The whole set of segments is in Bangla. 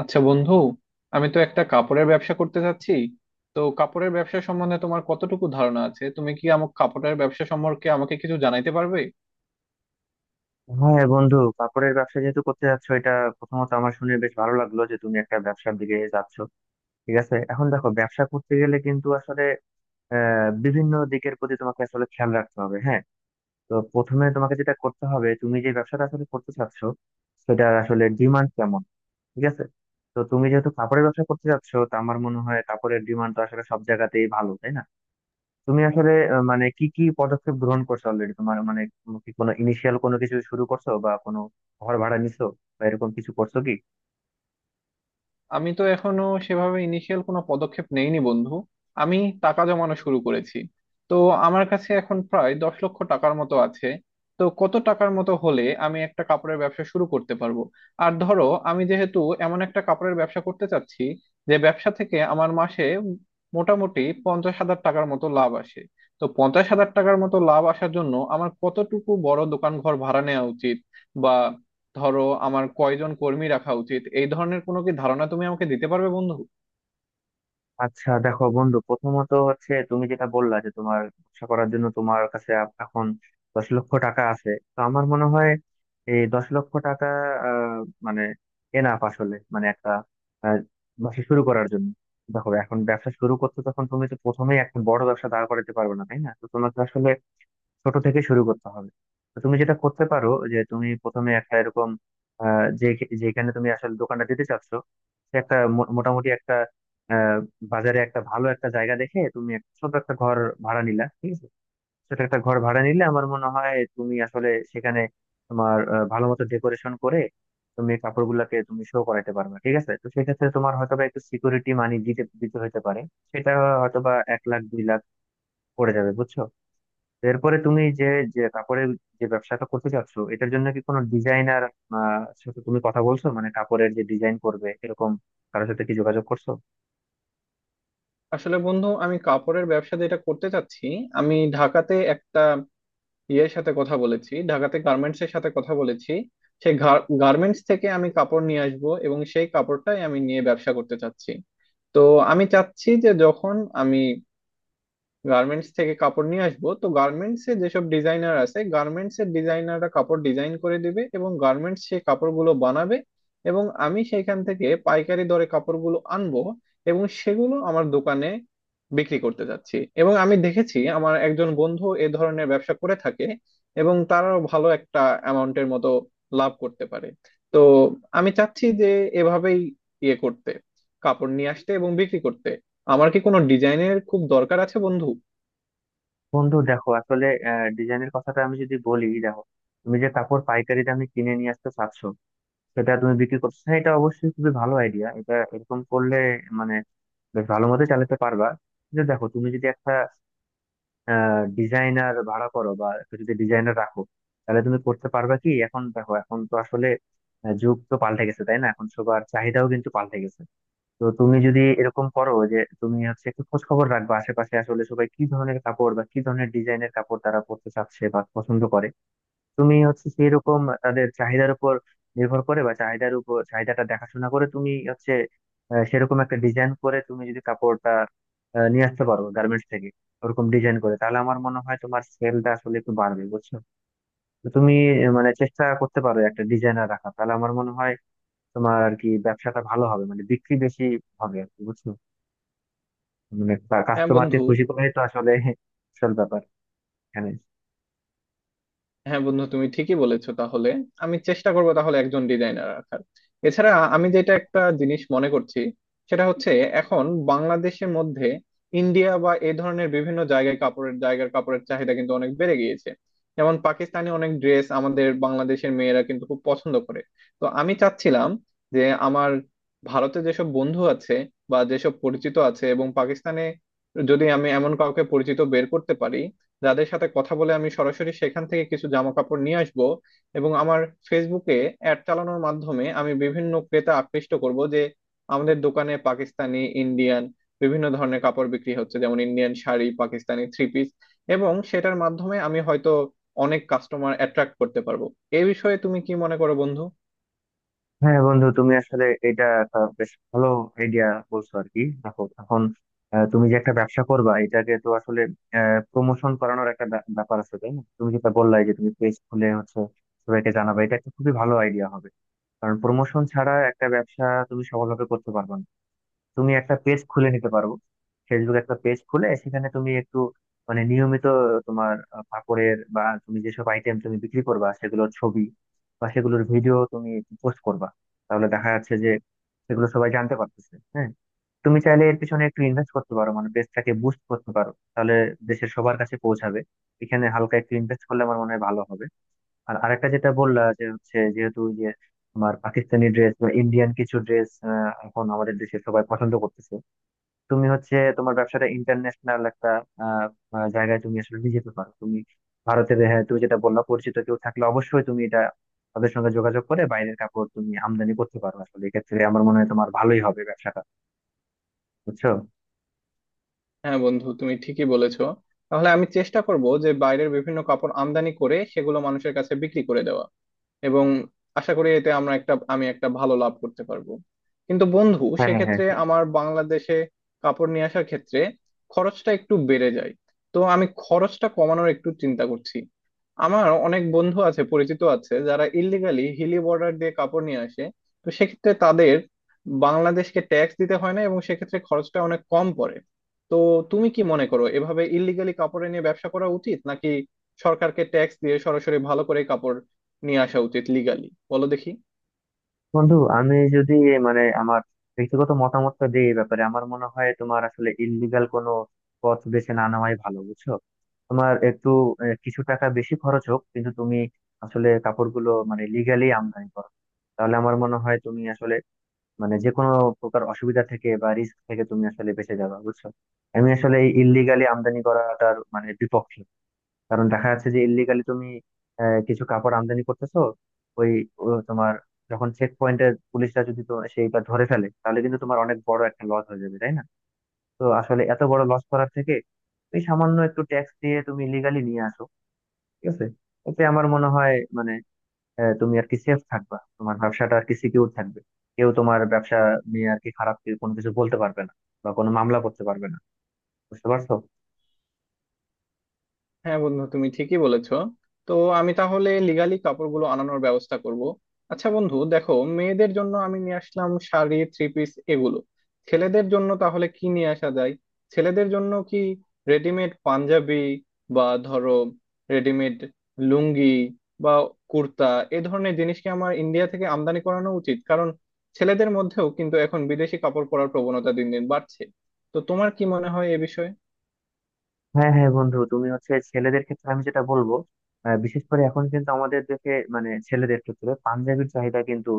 আচ্ছা বন্ধু, আমি তো একটা কাপড়ের ব্যবসা করতে চাচ্ছি। তো কাপড়ের ব্যবসা সম্বন্ধে তোমার কতটুকু ধারণা আছে? তুমি কি আমার কাপড়ের ব্যবসা সম্পর্কে আমাকে কিছু জানাইতে পারবে? হ্যাঁ বন্ধু, কাপড়ের ব্যবসা যেহেতু করতে যাচ্ছ, এটা প্রথমত আমার শুনে বেশ ভালো লাগলো যে তুমি একটা ব্যবসার দিকে যাচ্ছ। ঠিক আছে, এখন দেখো, ব্যবসা করতে গেলে কিন্তু আসলে বিভিন্ন দিকের প্রতি তোমাকে আসলে খেয়াল রাখতে হবে। হ্যাঁ, তো প্রথমে তোমাকে যেটা করতে হবে, তুমি যে ব্যবসাটা আসলে করতে চাচ্ছ সেটা আসলে ডিমান্ড কেমন। ঠিক আছে, তো তুমি যেহেতু কাপড়ের ব্যবসা করতে যাচ্ছ, তো আমার মনে হয় কাপড়ের ডিমান্ড তো আসলে সব জায়গাতেই ভালো, তাই না? তুমি আসলে মানে কি কি পদক্ষেপ গ্রহণ করছো অলরেডি? তোমার মানে তুমি কি কোনো ইনিশিয়াল কোনো কিছু শুরু করছো, বা কোনো ঘর ভাড়া নিছো, বা এরকম কিছু করছো কি? আমি তো এখনো সেভাবে ইনিশিয়াল কোনো পদক্ষেপ নেইনি বন্ধু। আমি টাকা জমানো শুরু করেছি। তো আমার কাছে এখন প্রায় 10,00,000 টাকার মতো আছে। তো কত টাকার মতো হলে আমি একটা কাপড়ের ব্যবসা শুরু করতে পারবো? আর ধরো, আমি যেহেতু এমন একটা কাপড়ের ব্যবসা করতে চাচ্ছি যে ব্যবসা থেকে আমার মাসে মোটামুটি 50,000 টাকার মতো লাভ আসে, তো 50,000 টাকার মতো লাভ আসার জন্য আমার কতটুকু বড় দোকান ঘর ভাড়া নেওয়া উচিত? বা ধরো, আমার কয়জন কর্মী রাখা উচিত? এই ধরনের কোনো কি ধারণা তুমি আমাকে দিতে পারবে বন্ধু? আচ্ছা দেখো বন্ধু, প্রথমত হচ্ছে তুমি যেটা বললা যে তোমার ব্যবসা করার জন্য তোমার কাছে এখন 10,00,000 টাকা আছে, তো আমার মনে হয় এই 10,00,000 টাকা আহ, মানে এনাফ আসলে, মানে একটা আহ, ব্যবসা শুরু করার জন্য। দেখো এখন ব্যবসা শুরু করতে তখন তুমি তো প্রথমেই একটা বড় ব্যবসা দাঁড় করাতে পারবে না, তাই না? তো তোমাকে আসলে ছোট থেকে শুরু করতে হবে। তো তুমি যেটা করতে পারো, যে তুমি প্রথমে একটা এরকম আহ, যে যেখানে তুমি আসলে দোকানটা দিতে চাচ্ছ, সে একটা মোটামুটি একটা আহ, বাজারে একটা ভালো একটা জায়গা দেখে তুমি একটা ছোট একটা ঘর ভাড়া নিলা। ঠিক আছে, ছোট একটা ঘর ভাড়া নিলে আমার মনে হয় তুমি আসলে সেখানে তোমার ভালো মতো ডেকোরেশন করে তুমি কাপড়গুলাকে তুমি শো করাতে পারবে। ঠিক আছে, তো সেক্ষেত্রে তোমার হয়তোবা একটু সিকিউরিটি মানি দিতে দিতে হতে পারে। সেটা হয়তোবা 1 লাখ 2 লাখ পড়ে যাবে, বুঝছো? এরপরে তুমি যে যে কাপড়ের, যে ব্যবসাটা করতে চাচ্ছ, এটার জন্য কি কোনো ডিজাইনার সাথে তুমি কথা বলছো, মানে কাপড়ের যে ডিজাইন করবে এরকম কারোর সাথে কি যোগাযোগ করছো? আসলে বন্ধু, আমি কাপড়ের ব্যবসা যেটা করতে চাচ্ছি, আমি ঢাকাতে একটা ইয়ের সাথে কথা বলেছি, ঢাকাতে গার্মেন্টস এর সাথে কথা বলেছি। সেই গার্মেন্টস থেকে আমি কাপড় নিয়ে আসব এবং সেই কাপড়টাই আমি নিয়ে ব্যবসা করতে চাচ্ছি। তো আমি চাচ্ছি যে যখন আমি গার্মেন্টস থেকে কাপড় নিয়ে আসবো, তো গার্মেন্টস এ যেসব ডিজাইনার আছে, গার্মেন্টস এর ডিজাইনাররা কাপড় ডিজাইন করে দিবে এবং গার্মেন্টস সেই কাপড়গুলো বানাবে। এবং আমি সেইখান থেকে পাইকারি দরে কাপড়গুলো আনবো এবং সেগুলো আমার দোকানে বিক্রি করতে যাচ্ছি। এবং আমি দেখেছি আমার একজন বন্ধু এ ধরনের ব্যবসা করে থাকে এবং তারাও ভালো একটা অ্যামাউন্টের মতো লাভ করতে পারে। তো আমি চাচ্ছি যে এভাবেই ইয়ে করতে, কাপড় নিয়ে আসতে এবং বিক্রি করতে। আমার কি কোনো ডিজাইনের খুব দরকার আছে বন্ধু? বন্ধু দেখো আসলে ডিজাইনের কথাটা আমি যদি বলি, দেখো তুমি যে কাপড় পাইকারি দামে কিনে নিয়ে আসতে চাচ্ছো সেটা তুমি বিক্রি করছো, হ্যাঁ, এটা অবশ্যই খুবই ভালো আইডিয়া। এটা এরকম করলে মানে বেশ ভালো মতো চালাতে পারবা। কিন্তু দেখো তুমি যদি একটা ডিজাইনার ভাড়া করো, বা একটু যদি ডিজাইনার রাখো, তাহলে তুমি করতে পারবে কি? এখন দেখো, এখন তো আসলে যুগ তো পাল্টে গেছে, তাই না? এখন সবার চাহিদাও কিন্তু পাল্টে গেছে। তো তুমি যদি এরকম করো যে তুমি হচ্ছে একটু খোঁজ খবর রাখবে আশেপাশে, আসলে সবাই কি ধরনের কাপড় বা কি ধরনের ডিজাইনের কাপড় তারা পরতে চাচ্ছে বা পছন্দ করে, তুমি হচ্ছে সেই রকম তাদের চাহিদার উপর নির্ভর করে, বা চাহিদার উপর চাহিদাটা দেখাশোনা করে তুমি হচ্ছে সেরকম একটা ডিজাইন করে তুমি যদি কাপড়টা নিয়ে আসতে পারো গার্মেন্টস থেকে ওরকম ডিজাইন করে, তাহলে আমার মনে হয় তোমার সেলটা আসলে একটু বাড়বে, বুঝছো? তো তুমি মানে চেষ্টা করতে পারো একটা ডিজাইনার রাখা, তাহলে আমার মনে হয় তোমার আর কি ব্যবসাটা ভালো হবে, মানে বিক্রি বেশি হবে আর কি, বুঝছো? মানে হ্যাঁ কাস্টমারকে বন্ধু। খুশি করাই তো আসলে আসল ব্যাপার এখানে। হ্যাঁ বন্ধু, তুমি ঠিকই বলেছো। তাহলে আমি চেষ্টা করব তাহলে একজন ডিজাইনার রাখার। এছাড়া আমি যেটা একটা জিনিস মনে করছি সেটা হচ্ছে, এখন বাংলাদেশের মধ্যে ইন্ডিয়া বা এই ধরনের বিভিন্ন জায়গায় কাপড়ের জায়গার কাপড়ের চাহিদা কিন্তু অনেক বেড়ে গিয়েছে। যেমন পাকিস্তানি অনেক ড্রেস আমাদের বাংলাদেশের মেয়েরা কিন্তু খুব পছন্দ করে। তো আমি চাচ্ছিলাম যে আমার ভারতে যেসব বন্ধু আছে বা যেসব পরিচিত আছে এবং পাকিস্তানে যদি আমি এমন কাউকে পরিচিত বের করতে পারি, যাদের সাথে কথা বলে আমি সরাসরি সেখান থেকে কিছু জামা কাপড় নিয়ে আসব। এবং আমার ফেসবুকে অ্যাড চালানোর মাধ্যমে আমি বিভিন্ন ক্রেতা আকৃষ্ট করব যে আমাদের দোকানে পাকিস্তানি, ইন্ডিয়ান বিভিন্ন ধরনের কাপড় বিক্রি হচ্ছে, যেমন Indian sari, Pakistani three piece. এবং সেটার মাধ্যমে আমি হয়তো অনেক কাস্টমার অ্যাট্রাক্ট করতে পারবো। এই বিষয়ে তুমি কি মনে করো বন্ধু? হ্যাঁ বন্ধু, তুমি আসলে এটা একটা বেশ ভালো আইডিয়া বলছো আর কি। দেখো এখন তুমি যে একটা ব্যবসা করবা, এটাকে তো আসলে প্রমোশন করানোর একটা ব্যাপার আছে, তাই না? তুমি যেটা বললাই যে তুমি পেজ খুলে হচ্ছে সবাইকে জানাবে, এটা একটা খুবই ভালো আইডিয়া হবে। কারণ প্রমোশন ছাড়া একটা ব্যবসা তুমি সফলভাবে করতে পারবে না। তুমি একটা পেজ খুলে নিতে পারো, ফেসবুক একটা পেজ খুলে সেখানে তুমি একটু মানে নিয়মিত তোমার কাপড়ের বা তুমি যেসব আইটেম তুমি বিক্রি করবা সেগুলোর ছবি বা সেগুলোর ভিডিও তুমি পোস্ট করবা। তাহলে দেখা যাচ্ছে যে সেগুলো সবাই জানতে পারতেছে। হ্যাঁ, তুমি চাইলে এর পিছনে একটু ইনভেস্ট করতে পারো, মানে পেজটাকে বুস্ট করতে পারো, তাহলে দেশের সবার কাছে পৌঁছাবে। এখানে হালকা একটু ইনভেস্ট করলে আমার মনে হয় ভালো হবে। আর আরেকটা যেটা বললা, যে হচ্ছে যেহেতু ওই যে তোমার পাকিস্তানি ড্রেস বা ইন্ডিয়ান কিছু ড্রেস এখন আমাদের দেশে সবাই পছন্দ করতেছে, তুমি হচ্ছে তোমার ব্যবসাটা ইন্টারন্যাশনাল একটা আহ, জায়গায় তুমি আসলে নিয়ে যেতে পারো। তুমি ভারতের, হ্যাঁ তুমি যেটা বললা পরিচিত কেউ থাকলে অবশ্যই তুমি এটা তাদের সঙ্গে যোগাযোগ করে বাইরের কাপড় তুমি আমদানি করতে পারো আসলে। এক্ষেত্রে আমার মনে হয় তোমার ভালোই হবে ব্যবসাটা, বুঝছো? হ্যাঁ বন্ধু, তুমি ঠিকই বলেছো। তাহলে আমি চেষ্টা করব যে বাইরের বিভিন্ন কাপড় আমদানি করে সেগুলো মানুষের কাছে বিক্রি করে দেওয়া। এবং আশা করি এতে আমরা একটা, আমি একটা ভালো লাভ করতে পারবো। কিন্তু বন্ধু, হ্যাঁ, হ্যাঁ, সেক্ষেত্রে হ্যাঁ। আমার বাংলাদেশে কাপড় নিয়ে আসার ক্ষেত্রে খরচটা একটু বেড়ে যায়। তো আমি খরচটা কমানোর একটু চিন্তা করছি। আমার অনেক বন্ধু আছে, পরিচিত আছে যারা ইল্লিগালি হিলি বর্ডার দিয়ে কাপড় নিয়ে আসে। তো সেক্ষেত্রে তাদের বাংলাদেশকে ট্যাক্স দিতে হয় না এবং সেক্ষেত্রে খরচটা অনেক কম পড়ে। তো তুমি কি মনে করো, এভাবে ইল্লিগালি কাপড় নিয়ে ব্যবসা করা উচিত, নাকি সরকারকে ট্যাক্স দিয়ে সরাসরি ভালো করে কাপড় নিয়ে আসা উচিত লিগালি? বলো দেখি। বন্ধু আমি যদি মানে আমার ব্যক্তিগত মতামতটা দিই এই ব্যাপারে, আমার মনে হয় তোমার আসলে ইললিগাল কোনো পথ বেছে না নেওয়াই ভালো, বুঝছো? তোমার একটু কিছু টাকা বেশি খরচ হোক, কিন্তু তুমি আসলে কাপড়গুলো মানে লিগালি আমদানি করো, তাহলে আমার মনে হয় তুমি আসলে মানে যে কোনো প্রকার অসুবিধা থেকে বা রিস্ক থেকে তুমি আসলে বেঁচে যাবে, বুঝছো? আমি আসলে এই ইললিগালি আমদানি করাটার মানে বিপক্ষে। কারণ দেখা যাচ্ছে যে ইল্লিগালি তুমি কিছু কাপড় আমদানি করতেছো, ওই ও তোমার যখন চেক পয়েন্টে পুলিশরা যদি তো সেইটা ধরে ফেলে, তাহলে কিন্তু তোমার অনেক বড় একটা লস হয়ে যাবে, তাই না? তো আসলে এত বড় লস করার থেকে এই সামান্য একটু ট্যাক্স দিয়ে তুমি লিগালি নিয়ে আসো, ঠিক আছে? এতে আমার মনে হয় মানে তুমি আর কি সেফ থাকবা, তোমার ব্যবসাটা আর কি সিকিউর থাকবে। কেউ তোমার ব্যবসা নিয়ে আর কি খারাপ কোনো কিছু বলতে পারবে না, বা কোনো মামলা করতে পারবে না। বুঝতে পারছো? হ্যাঁ বন্ধু, তুমি ঠিকই বলেছো। তো আমি তাহলে লিগালি কাপড়গুলো আনানোর ব্যবস্থা করব। আচ্ছা বন্ধু, দেখো, মেয়েদের জন্য আমি নিয়ে আসলাম শাড়ি, থ্রি পিস, এগুলো। ছেলেদের জন্য তাহলে কি নিয়ে আসা যায়? ছেলেদের জন্য কি রেডিমেড পাঞ্জাবি, বা ধরো রেডিমেড লুঙ্গি, বা কুর্তা, এ ধরনের জিনিস কি আমার ইন্ডিয়া থেকে আমদানি করানো উচিত? কারণ ছেলেদের মধ্যেও কিন্তু এখন বিদেশি কাপড় পরার প্রবণতা দিন দিন বাড়ছে। তো তোমার কি মনে হয় এ বিষয়ে? হ্যাঁ, হ্যাঁ বন্ধু, তুমি হচ্ছে ছেলেদের ক্ষেত্রে আমি যেটা বলবো, বিশেষ করে এখন কিন্তু আমাদের দেশে মানে ছেলেদের ক্ষেত্রে পাঞ্জাবির চাহিদা কিন্তু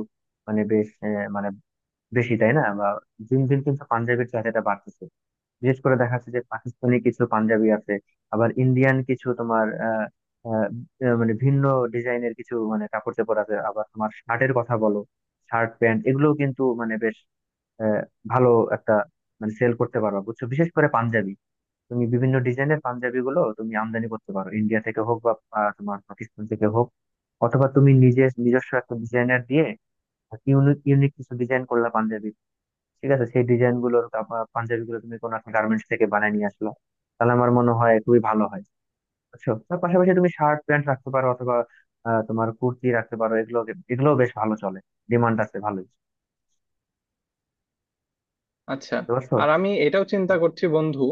মানে বেশ মানে বেশি, তাই না? বা দিন দিন কিন্তু পাঞ্জাবির চাহিদাটা বাড়তেছে। বিশেষ করে দেখা যাচ্ছে যে পাকিস্তানি কিছু পাঞ্জাবি আছে, আবার ইন্ডিয়ান কিছু তোমার আহ আহ, আহ, মানে ভিন্ন ডিজাইনের কিছু মানে কাপড় চোপড় আছে। আবার তোমার শার্টের কথা বলো, শার্ট প্যান্ট এগুলোও কিন্তু মানে বেশ আহ, ভালো একটা মানে সেল করতে পারবা, বুঝছো? বিশেষ করে পাঞ্জাবি, তুমি বিভিন্ন ডিজাইনের পাঞ্জাবি গুলো তুমি আমদানি করতে পারো ইন্ডিয়া থেকে হোক, বা তোমার পাকিস্তান থেকে হোক, অথবা তুমি নিজে নিজস্ব একটা ডিজাইনার দিয়ে ইউনিক ইউনিক কিছু ডিজাইন করলা পাঞ্জাবি। ঠিক আছে, সেই ডিজাইন গুলোর পাঞ্জাবি গুলো তুমি কোনো একটা গার্মেন্টস থেকে বানিয়ে নিয়ে আসলা, তাহলে আমার মনে হয় খুবই ভালো হয়, বুঝছো? তার পাশাপাশি তুমি শার্ট প্যান্ট রাখতে পারো, অথবা তোমার কুর্তি রাখতে পারো। এগুলো এগুলো বেশ ভালো চলে, ডিমান্ড আছে ভালোই। আচ্ছা, বুঝতে পারছো? আর আমি এটাও চিন্তা করছি বন্ধু,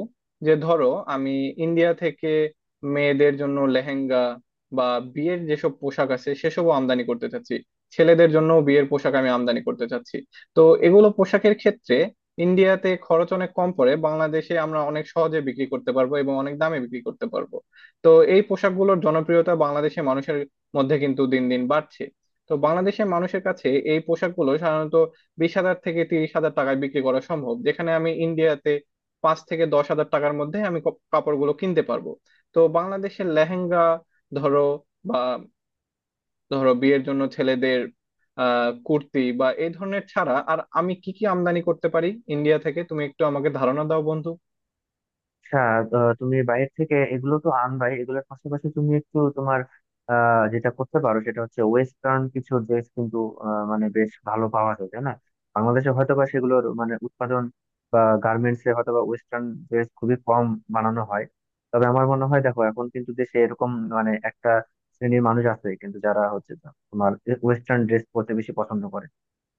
যে ধরো আমি ইন্ডিয়া থেকে মেয়েদের জন্য লেহেঙ্গা বা বিয়ের যেসব পোশাক আছে সেসবও আমদানি করতে চাচ্ছি। ছেলেদের জন্য বিয়ের পোশাক আমি আমদানি করতে চাচ্ছি। তো এগুলো পোশাকের ক্ষেত্রে ইন্ডিয়াতে খরচ অনেক কম পড়ে, বাংলাদেশে আমরা অনেক সহজে বিক্রি করতে পারবো এবং অনেক দামে বিক্রি করতে পারবো। তো এই পোশাকগুলোর জনপ্রিয়তা বাংলাদেশের মানুষের মধ্যে কিন্তু দিন দিন বাড়ছে। তো বাংলাদেশের মানুষের কাছে এই পোশাকগুলো সাধারণত 20,000 থেকে 30,000 টাকায় বিক্রি করা সম্ভব, যেখানে আমি ইন্ডিয়াতে 5,000 থেকে 10,000 টাকার মধ্যে আমি কাপড়গুলো কিনতে পারবো। তো বাংলাদেশের লেহেঙ্গা, ধরো, বা ধরো বিয়ের জন্য ছেলেদের কুর্তি বা এই ধরনের ছাড়া আর আমি কি কি আমদানি করতে পারি ইন্ডিয়া থেকে? তুমি একটু আমাকে ধারণা দাও বন্ধু। আচ্ছা, তুমি বাইরে থেকে এগুলো তো আনবাই, এগুলোর পাশাপাশি তুমি একটু তোমার যেটা করতে পারো, সেটা হচ্ছে ওয়েস্টার্ন কিছু ড্রেস কিন্তু মানে বেশ ভালো পাওয়া যায়, তাই না? বাংলাদেশে হয়তো বা সেগুলোর মানে উৎপাদন বা গার্মেন্টস এ হয়তো বা ওয়েস্টার্ন ড্রেস খুবই কম বানানো হয়। তবে আমার মনে হয় দেখো এখন কিন্তু দেশে এরকম মানে একটা শ্রেণীর মানুষ আছে কিন্তু, যারা হচ্ছে তোমার ওয়েস্টার্ন ড্রেস পরতে বেশি পছন্দ করে।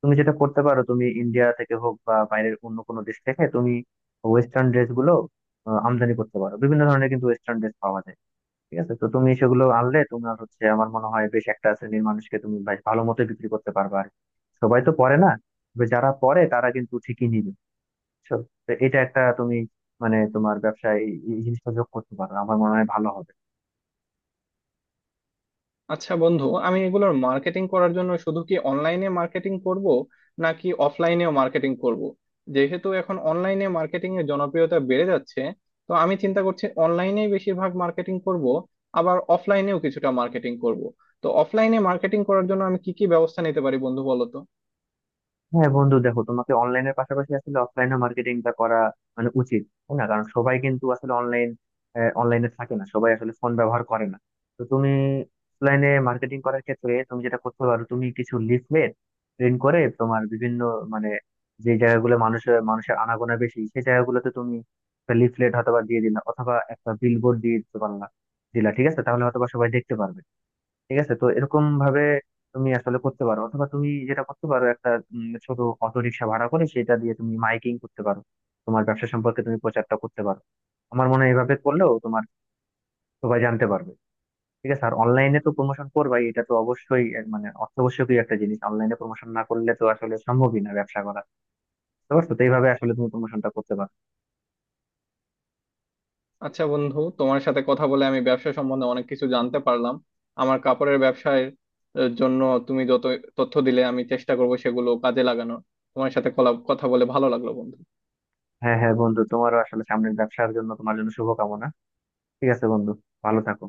তুমি যেটা করতে পারো, তুমি ইন্ডিয়া থেকে হোক বা বাইরের অন্য কোনো দেশ থেকে তুমি ওয়েস্টার্ন ড্রেস গুলো আমদানি করতে পারো। বিভিন্ন ধরনের কিন্তু ওয়েস্টার্ন ড্রেস পাওয়া যায়, ঠিক আছে? তো তুমি সেগুলো আনলে তোমার হচ্ছে আমার মনে হয় বেশ একটা শ্রেণীর মানুষকে তুমি বেশ ভালো মতো বিক্রি করতে পারবে আর কি। সবাই তো পরে না, তবে যারা পরে তারা কিন্তু ঠিকই নিবে, বুঝছো? তো এটা একটা তুমি মানে তোমার ব্যবসায় এই এই জিনিসটা যোগ করতে পারো, আমার মনে হয় ভালো হবে। আচ্ছা বন্ধু, আমি এগুলোর মার্কেটিং করার জন্য শুধু কি অনলাইনে মার্কেটিং করব, নাকি অফলাইনেও মার্কেটিং করব? যেহেতু এখন অনলাইনে মার্কেটিং এর জনপ্রিয়তা বেড়ে যাচ্ছে, তো আমি চিন্তা করছি অনলাইনে বেশিরভাগ মার্কেটিং করব, আবার অফলাইনেও কিছুটা মার্কেটিং করব। তো অফলাইনে মার্কেটিং করার জন্য আমি কি কি ব্যবস্থা নিতে পারি বন্ধু, বলো তো। হ্যাঁ বন্ধু, দেখো, তোমাকে অনলাইনের পাশাপাশি আসলে অফলাইনে মার্কেটিংটা করা মানে উচিত, তাই না? কারণ সবাই কিন্তু আসলে অনলাইনে থাকে না, সবাই আসলে ফোন ব্যবহার করে না। তো তুমি অফলাইনে মার্কেটিং করার ক্ষেত্রে তুমি যেটা করতে পারো, তুমি কিছু লিফলেট প্রিন্ট করে তোমার বিভিন্ন মানে যে জায়গাগুলো মানুষের মানুষের আনাগোনা বেশি সেই জায়গাগুলোতে তুমি লিফলেট হয়তো বা দিয়ে দিলা, অথবা একটা বিলবোর্ড দিয়ে দিতে পারলা দিলা। ঠিক আছে, তাহলে হয়তো বা সবাই দেখতে পারবে। ঠিক আছে, তো এরকম ভাবে তুমি আসলে করতে পারো, অথবা তুমি যেটা করতে পারো একটা ছোট অটো রিক্সা ভাড়া করে সেটা দিয়ে তুমি মাইকিং করতে পারো, তোমার ব্যবসা সম্পর্কে তুমি প্রচারটা করতে পারো। আমার মনে হয় এভাবে করলেও তোমার সবাই জানতে পারবে। ঠিক আছে, আর অনলাইনে তো প্রমোশন করবাই, এটা তো অবশ্যই, এর মানে অত্যাবশ্যকীয় একটা জিনিস। অনলাইনে প্রমোশন না করলে তো আসলে সম্ভবই না ব্যবসা করা। বুঝতে পারছো? তো এইভাবে আসলে তুমি প্রমোশনটা করতে পারো। আচ্ছা বন্ধু, তোমার সাথে কথা বলে আমি ব্যবসা সম্বন্ধে অনেক কিছু জানতে পারলাম। আমার কাপড়ের ব্যবসার জন্য তুমি যত তথ্য দিলে আমি চেষ্টা করবো সেগুলো কাজে লাগানোর। তোমার সাথে কথা বলে ভালো লাগলো বন্ধু। হ্যাঁ, হ্যাঁ বন্ধু, তোমারও আসলে সামনের ব্যবসার জন্য তোমার জন্য শুভকামনা। ঠিক আছে বন্ধু, ভালো থাকো।